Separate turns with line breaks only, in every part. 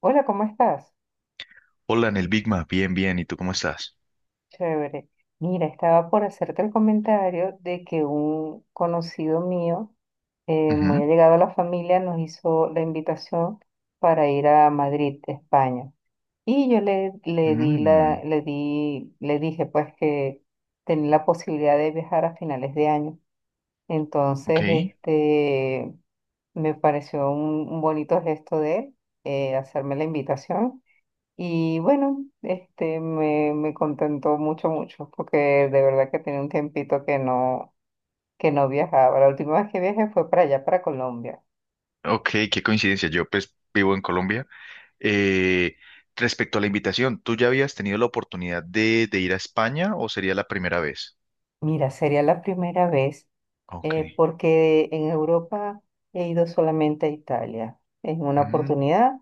Hola, ¿cómo estás?
Hola, en el Bigma, bien, bien, ¿y tú cómo estás?
Chévere. Mira, estaba por hacerte el comentario de que un conocido mío, muy
Ujú.
allegado a la familia, nos hizo la invitación para ir a Madrid, España. Y yo le di
Mm,
le di, le dije pues que tenía la posibilidad de viajar a finales de año.
ok,
Entonces, me pareció un bonito gesto de él, hacerme la invitación. Y bueno, me contentó mucho, mucho, porque de verdad que tenía un tiempito que que no viajaba. La última vez que viajé fue para allá, para Colombia.
ok, qué coincidencia, yo pues vivo en Colombia. Eh, Respecto a la invitación, ¿tú ya habías tenido la oportunidad de ir a España o sería la primera vez?
Mira, sería la primera vez,
Ok.
porque en Europa he ido solamente a Italia. En una
Mm,
oportunidad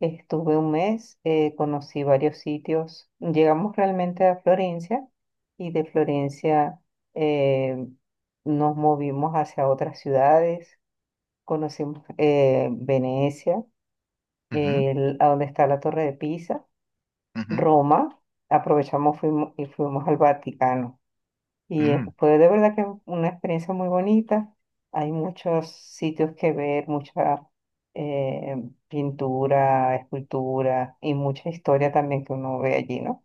estuve un mes, conocí varios sitios. Llegamos realmente a Florencia y de Florencia eh, nos movimos hacia otras ciudades. Conocimos Venecia,
ujú,
a donde está la Torre de Pisa,
ujú,
Roma, aprovechamos y fuimos al Vaticano. Y
mm.
fue de verdad que una experiencia muy bonita. Hay muchos sitios que ver, mucha eh, pintura, escultura y mucha historia también que uno ve allí, ¿no?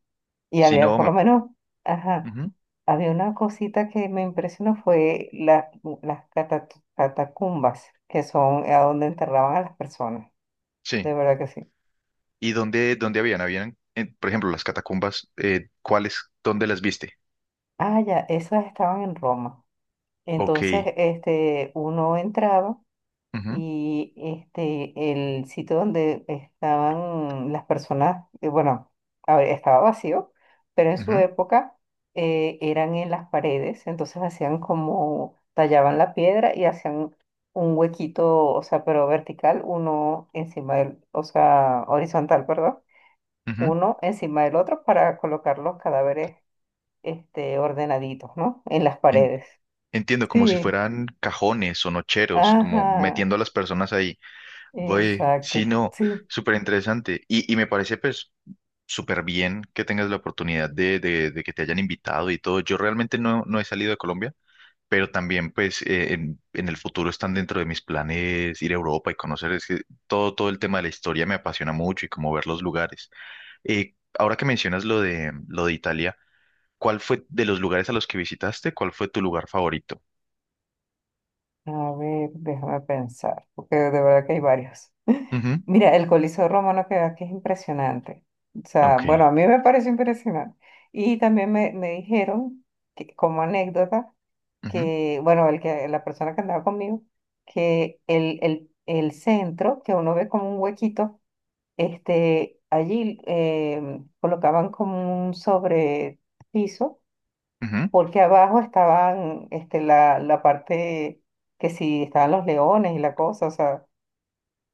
Y
Sí,
había,
no,
por lo menos, ajá,
ujú,
había una cosita que me impresionó, fue las cata- catacumbas, que son a donde enterraban a las personas,
Sí.
de verdad que sí.
¿Y dónde, dónde habían? Habían, por ejemplo, las catacumbas, ¿cuáles? ¿Dónde las viste?
Ah, ya, esas estaban en Roma.
Ok.
Entonces, uno entraba.
Ujú,
Y el sitio donde estaban las personas, bueno, a ver, estaba vacío, pero en su
ujú,
época eran en las paredes, entonces hacían como, tallaban la piedra y hacían un huequito, o sea, pero vertical, uno encima del, o sea, horizontal, perdón,
ujú.
uno encima del otro para colocar los cadáveres, ordenaditos, ¿no? En las
En-
paredes.
Entiendo, como si
Sí,
fueran cajones o nocheros, como
ajá,
metiendo a las personas ahí. Voy, sí,
exacto,
no,
sí.
súper interesante. Y me parece pues súper bien que tengas la oportunidad de que te hayan invitado y todo. Yo realmente no, no he salido de Colombia, pero también pues en el futuro están dentro de mis planes ir a Europa y conocer es que todo, todo el tema de la historia me apasiona mucho y como ver los lugares. Ahora que mencionas lo de Italia, ¿cuál fue de los lugares a los que visitaste? ¿Cuál fue tu lugar favorito?
A ver, déjame pensar, porque de verdad que hay varios.
Ujú,
Mira, el Coliseo Romano que aquí es impresionante. O sea,
Ok.
bueno, a mí me parece impresionante. Y también me dijeron, que, como anécdota,
Ujú,
que, bueno, la persona que andaba conmigo, que el centro, que uno ve como un huequito, allí colocaban como un sobrepiso
ujú,
porque abajo estaban la parte que sí estaban los leones y la cosa, o sea,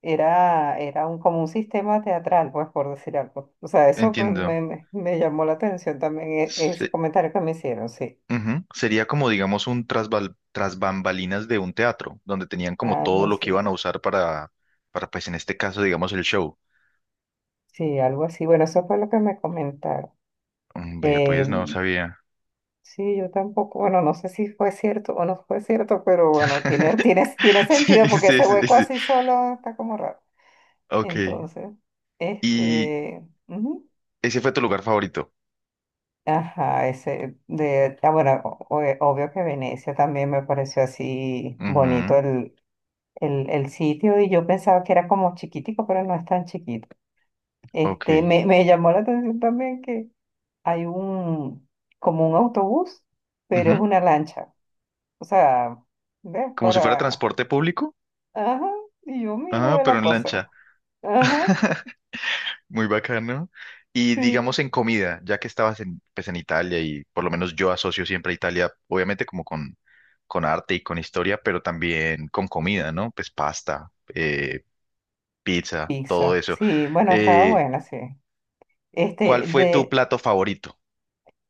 era un, como un sistema teatral, pues, por decir algo. O sea,
Entiendo.
me llamó la atención también, ese
Se-
comentario que me hicieron, sí,
Ujú, sería como, digamos, un tras bambalinas de un teatro, donde tenían como
algo
todo lo que
así,
iban a usar para pues en este caso, digamos, el show.
sí, algo así. Bueno, eso fue lo que me comentaron.
Mm, vea,
Eh,
pues no sabía.
sí, yo tampoco, bueno, no sé si fue cierto o no fue cierto, pero bueno, tiene
Sí,
sentido porque
sí,
ese
sí,
hueco
sí.
así solo está como raro.
Ok.
Entonces,
¿Y
ujú.
ese fue tu lugar favorito?
Ajá, ese de, ah, bueno, obvio que Venecia también me pareció así bonito
Ujú,
el sitio y yo pensaba que era como chiquitico, pero no es tan chiquito.
Ok.
Me llamó la atención también que hay un, como un autobús, pero es
Ujú.
una lancha. O sea, ¿ves?
¿Como si fuera
Para,
transporte público?
ajá, y yo
Ah,
miro
pero
la
en lancha.
cosa. Ajá,
Muy bacano. Y
sí.
digamos en comida, ya que estabas en, pues, en Italia y por lo menos yo asocio siempre a Italia, obviamente con arte y con historia, pero también con comida, ¿no? Pues pasta, pizza, todo
Pizza,
eso.
sí, bueno, estaba
Eh,
buena, sí.
¿Cuál
Este,
fue tu
de,
plato favorito?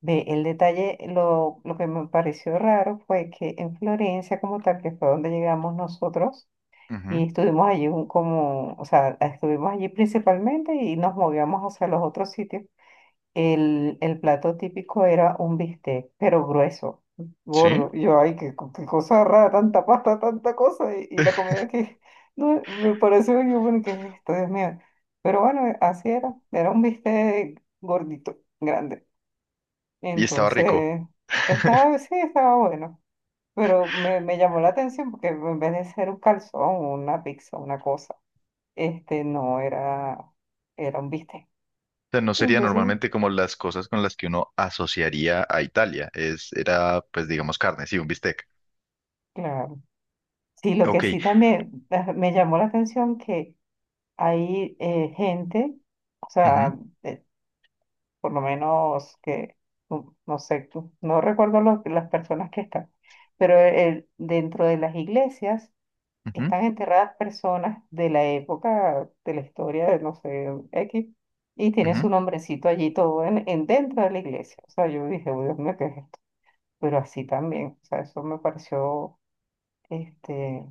Ve, el detalle, lo que me pareció raro fue que en Florencia, como tal, que fue donde llegamos nosotros,
Ujú,
y estuvimos allí como, o sea, estuvimos allí principalmente y nos movíamos hacia los otros sitios. El plato típico era un bistec, pero grueso,
sí,
gordo. Y yo, ay, qué, qué cosa rara, tanta pasta, tanta cosa, y la comida que, no, me pareció, yo, bueno, ¿qué es esto? Dios mío. Pero bueno, así era, era un bistec gordito, grande.
y estaba rico. O
Entonces, estaba, sí, estaba bueno, pero me llamó la atención porque en vez de ser un calzón, una pizza, una cosa, este no era, era un bistec.
sea, no sería
Entonces,
normalmente como las cosas con las que uno asociaría a Italia. Era, pues digamos, carne, sí, un bistec.
claro. Sí, lo que
Ok.
sí también me llamó la atención que hay gente, o
Ujú,
sea, eh, por lo menos no, no sé, no recuerdo las personas que están, pero dentro de las iglesias
ujú,
están enterradas personas de la época de la historia de no sé X y tiene su
ujú.
nombrecito allí todo en dentro de la iglesia. O sea, yo dije, "Uy, Dios mío, ¿qué es esto?". Pero así también, o sea, eso me pareció este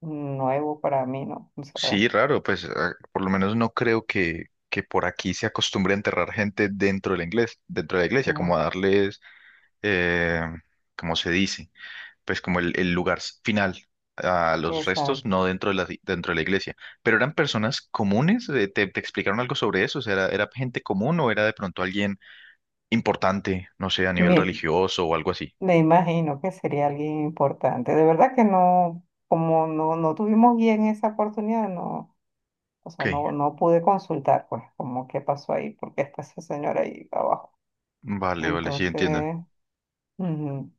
nuevo para mí, ¿no? O sea,
Sí, raro, pues ah, por lo menos no creo que por aquí se acostumbre a enterrar gente dentro de la iglesia, dentro de la iglesia,
que
como
yo,
a darles, eh, como se dice, pues como el lugar final a los
esa-
restos, no dentro de dentro de la iglesia. Pero eran personas comunes, ¿te, te explicaron algo sobre eso? O sea, ¿era, era gente común o era de pronto alguien importante, no sé, a nivel
me,
religioso o algo así?
me imagino que sería alguien importante. De verdad que no, como no, no tuvimos bien esa oportunidad, no. O
Ok,
sea, no, no pude consultar, pues, como qué pasó ahí, porque está esa señora ahí abajo.
vale, vale, sí entiendo.
Entonces, ujú.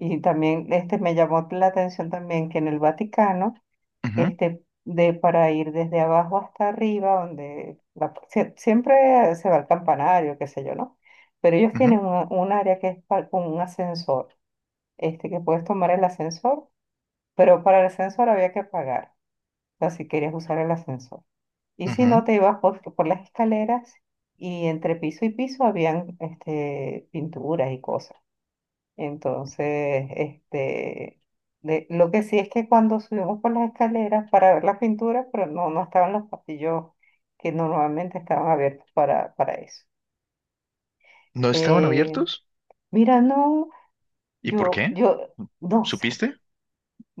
Y también me llamó la atención también que en el Vaticano,
Ujú,
este de para ir desde abajo hasta arriba, donde siempre se va al campanario, qué sé yo, ¿no? Pero ellos
ujú,
tienen un área que es con un ascensor, que puedes tomar el ascensor, pero para el ascensor había que pagar, o sea, si querías usar el ascensor. Y si
ujú.
no, te ibas por las escaleras y entre piso y piso habían pinturas y cosas. Entonces, lo que sí es que cuando subimos por las escaleras para ver las pinturas, pero no, no estaban los pasillos que normalmente estaban abiertos para eso.
¿No estaban
Eh,
abiertos?
mira, no,
¿Y por qué?
yo, no sé,
¿Supiste?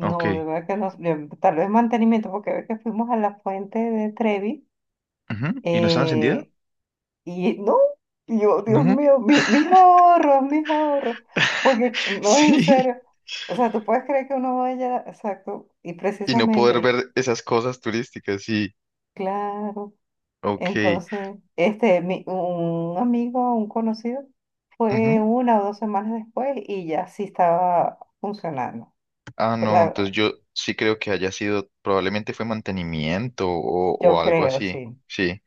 Ok.
de verdad que no, tal vez mantenimiento, porque ve que fuimos a la fuente de Trevi,
Ujú. ¿Y no estaba encendida?
eh, y no, y yo, Dios
No.
mío, mis ahorros, porque no es en
Sí.
serio. O sea, tú puedes creer que uno vaya, exacto, y
Y no poder
precisamente,
ver esas cosas turísticas, sí.
claro.
Ok.
Entonces, un amigo, un conocido, fue
Ujú.
una o dos semanas después y ya sí estaba funcionando.
Ah, no,
Claro,
entonces yo sí creo que haya sido, probablemente fue mantenimiento
yo
o algo
creo,
así.
sí,
Sí.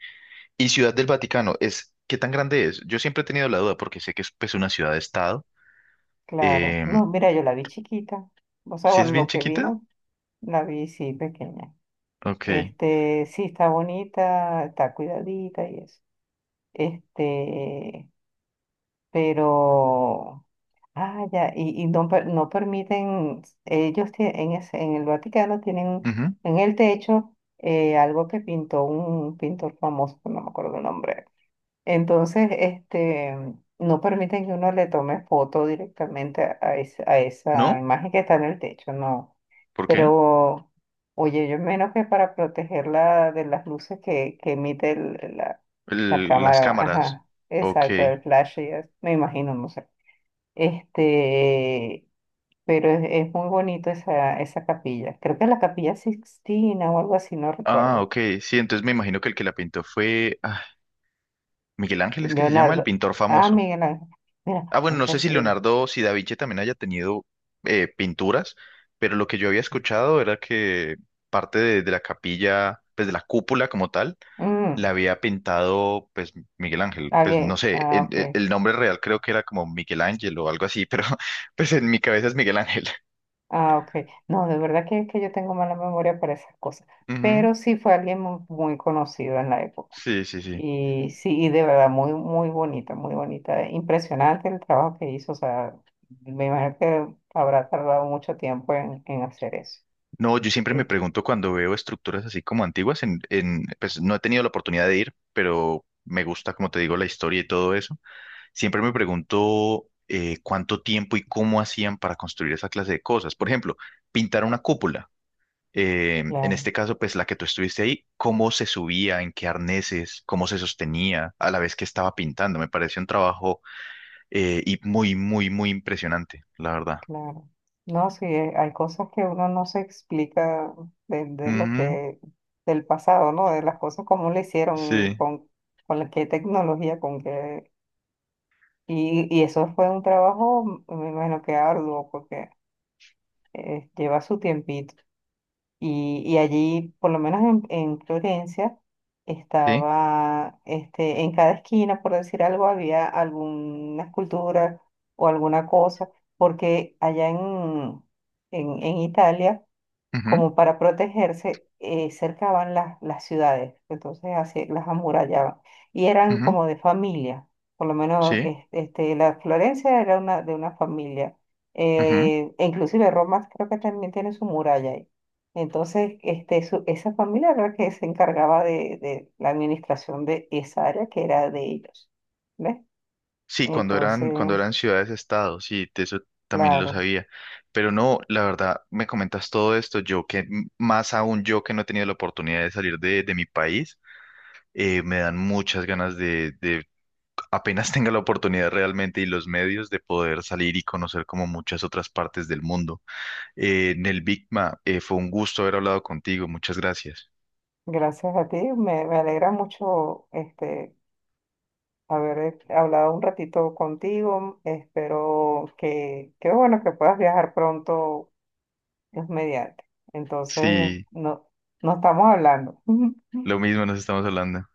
¿Y Ciudad del Vaticano es, qué tan grande es? Yo siempre he tenido la duda porque sé que es pues una ciudad de estado.
claro.
Em,
No, mira, yo la vi chiquita. O sea,
¿sí es
bueno,
bien
lo que
chiquita?
vino, la vi sí pequeña.
Ok.
Sí, está bonita, está cuidadita y eso. Este, pero, ah, ya, y no, no permiten, ellos tie- en, ese- en el Vaticano tienen
Ujú.
en el techo algo que pintó un pintor famoso, que no me acuerdo el nombre, entonces, no permiten que uno le tome foto directamente a esa
¿No?
imagen que está en el techo, no.
¿Por qué?
Pero, oye, yo menos que para protegerla de las luces que emite la
Las
cámara,
cámaras.
ajá,
Ok.
exacto, el flash, me imagino, no sé. Este, pero es, es muy bonito esa capilla. Creo que es la Capilla Sixtina o algo así, no
Ah,
recuerdo.
ok, sí, entonces me imagino que el que la pintó fue ah, Miguel Ángel, es que se llama el
Leonardo.
pintor
Ah,
famoso.
Miguel Ángel. Mira,
Ah, bueno, no sé si
muchacho.
Leonardo, si Da Vinci también haya tenido pinturas, pero lo que yo había escuchado era que parte de la capilla, pues de la cúpula como tal, la
Mm.
había pintado pues Miguel Ángel,
Ah,
pues no
bien.
sé,
Ah, ok.
el nombre real creo que era como Miguel Ángel o algo así, pero pues en mi cabeza es Miguel Ángel.
Ah, ok. No, de verdad que yo tengo mala memoria para esas cosas.
Ujú,
Pero sí fue alguien muy conocido en la época.
sí, sí, sí.
Y sí, y de verdad, muy, muy bonita, muy bonita. Impresionante el trabajo que hizo. O sea, me imagino que habrá tardado mucho tiempo en hacer eso.
No, yo siempre me
Eh,
pregunto cuando veo estructuras así como antiguas, pues no he tenido la oportunidad de ir, pero me gusta, como te digo, la historia y todo eso. Siempre me pregunto cuánto tiempo y cómo hacían para construir esa clase de cosas. Por ejemplo, pintar una cúpula. En
claro,
este caso, pues la que tú estuviste ahí, cómo se subía, en qué arneses, cómo se sostenía a la vez que estaba pintando. Me pareció un trabajo y muy, muy, muy impresionante, la verdad.
claro. No, sí, hay cosas que uno no se explica de lo
Ujú,
que, del pasado, ¿no? De las cosas como le hicieron,
sí,
con qué tecnología, con qué. Y eso fue un trabajo, me imagino que arduo, porque lleva su tiempito. Y allí, por lo menos en Florencia,
sí,
estaba, en cada esquina, por decir algo, había alguna escultura o alguna cosa, porque allá en Italia
ujú,
como para protegerse, cercaban las ciudades, entonces así las amurallaban. Y eran
ujú,
como de familia, por lo menos
sí.
la Florencia era una, de una familia.
Ujú.
E inclusive Roma creo que también tiene su muralla ahí. Entonces, esa familia era la que se encargaba de la administración de esa área que era de ellos. ¿Ves?
Sí,
Entonces,
cuando eran ciudades-estados, sí, de eso también lo
claro,
sabía. Pero no, la verdad, me comentas todo esto, yo más aún yo que no he tenido la oportunidad de salir de mi país, me dan muchas ganas de apenas tenga la oportunidad realmente y los medios de poder salir y conocer como muchas otras partes del mundo. Nel Bigma, fue un gusto haber hablado contigo, muchas gracias.
gracias a ti, me alegra mucho haber hablado un ratito contigo. Espero que, qué bueno que puedas viajar pronto, Dios mediante. Entonces,
Sí,
no, no estamos hablando.
lo mismo nos estamos hablando.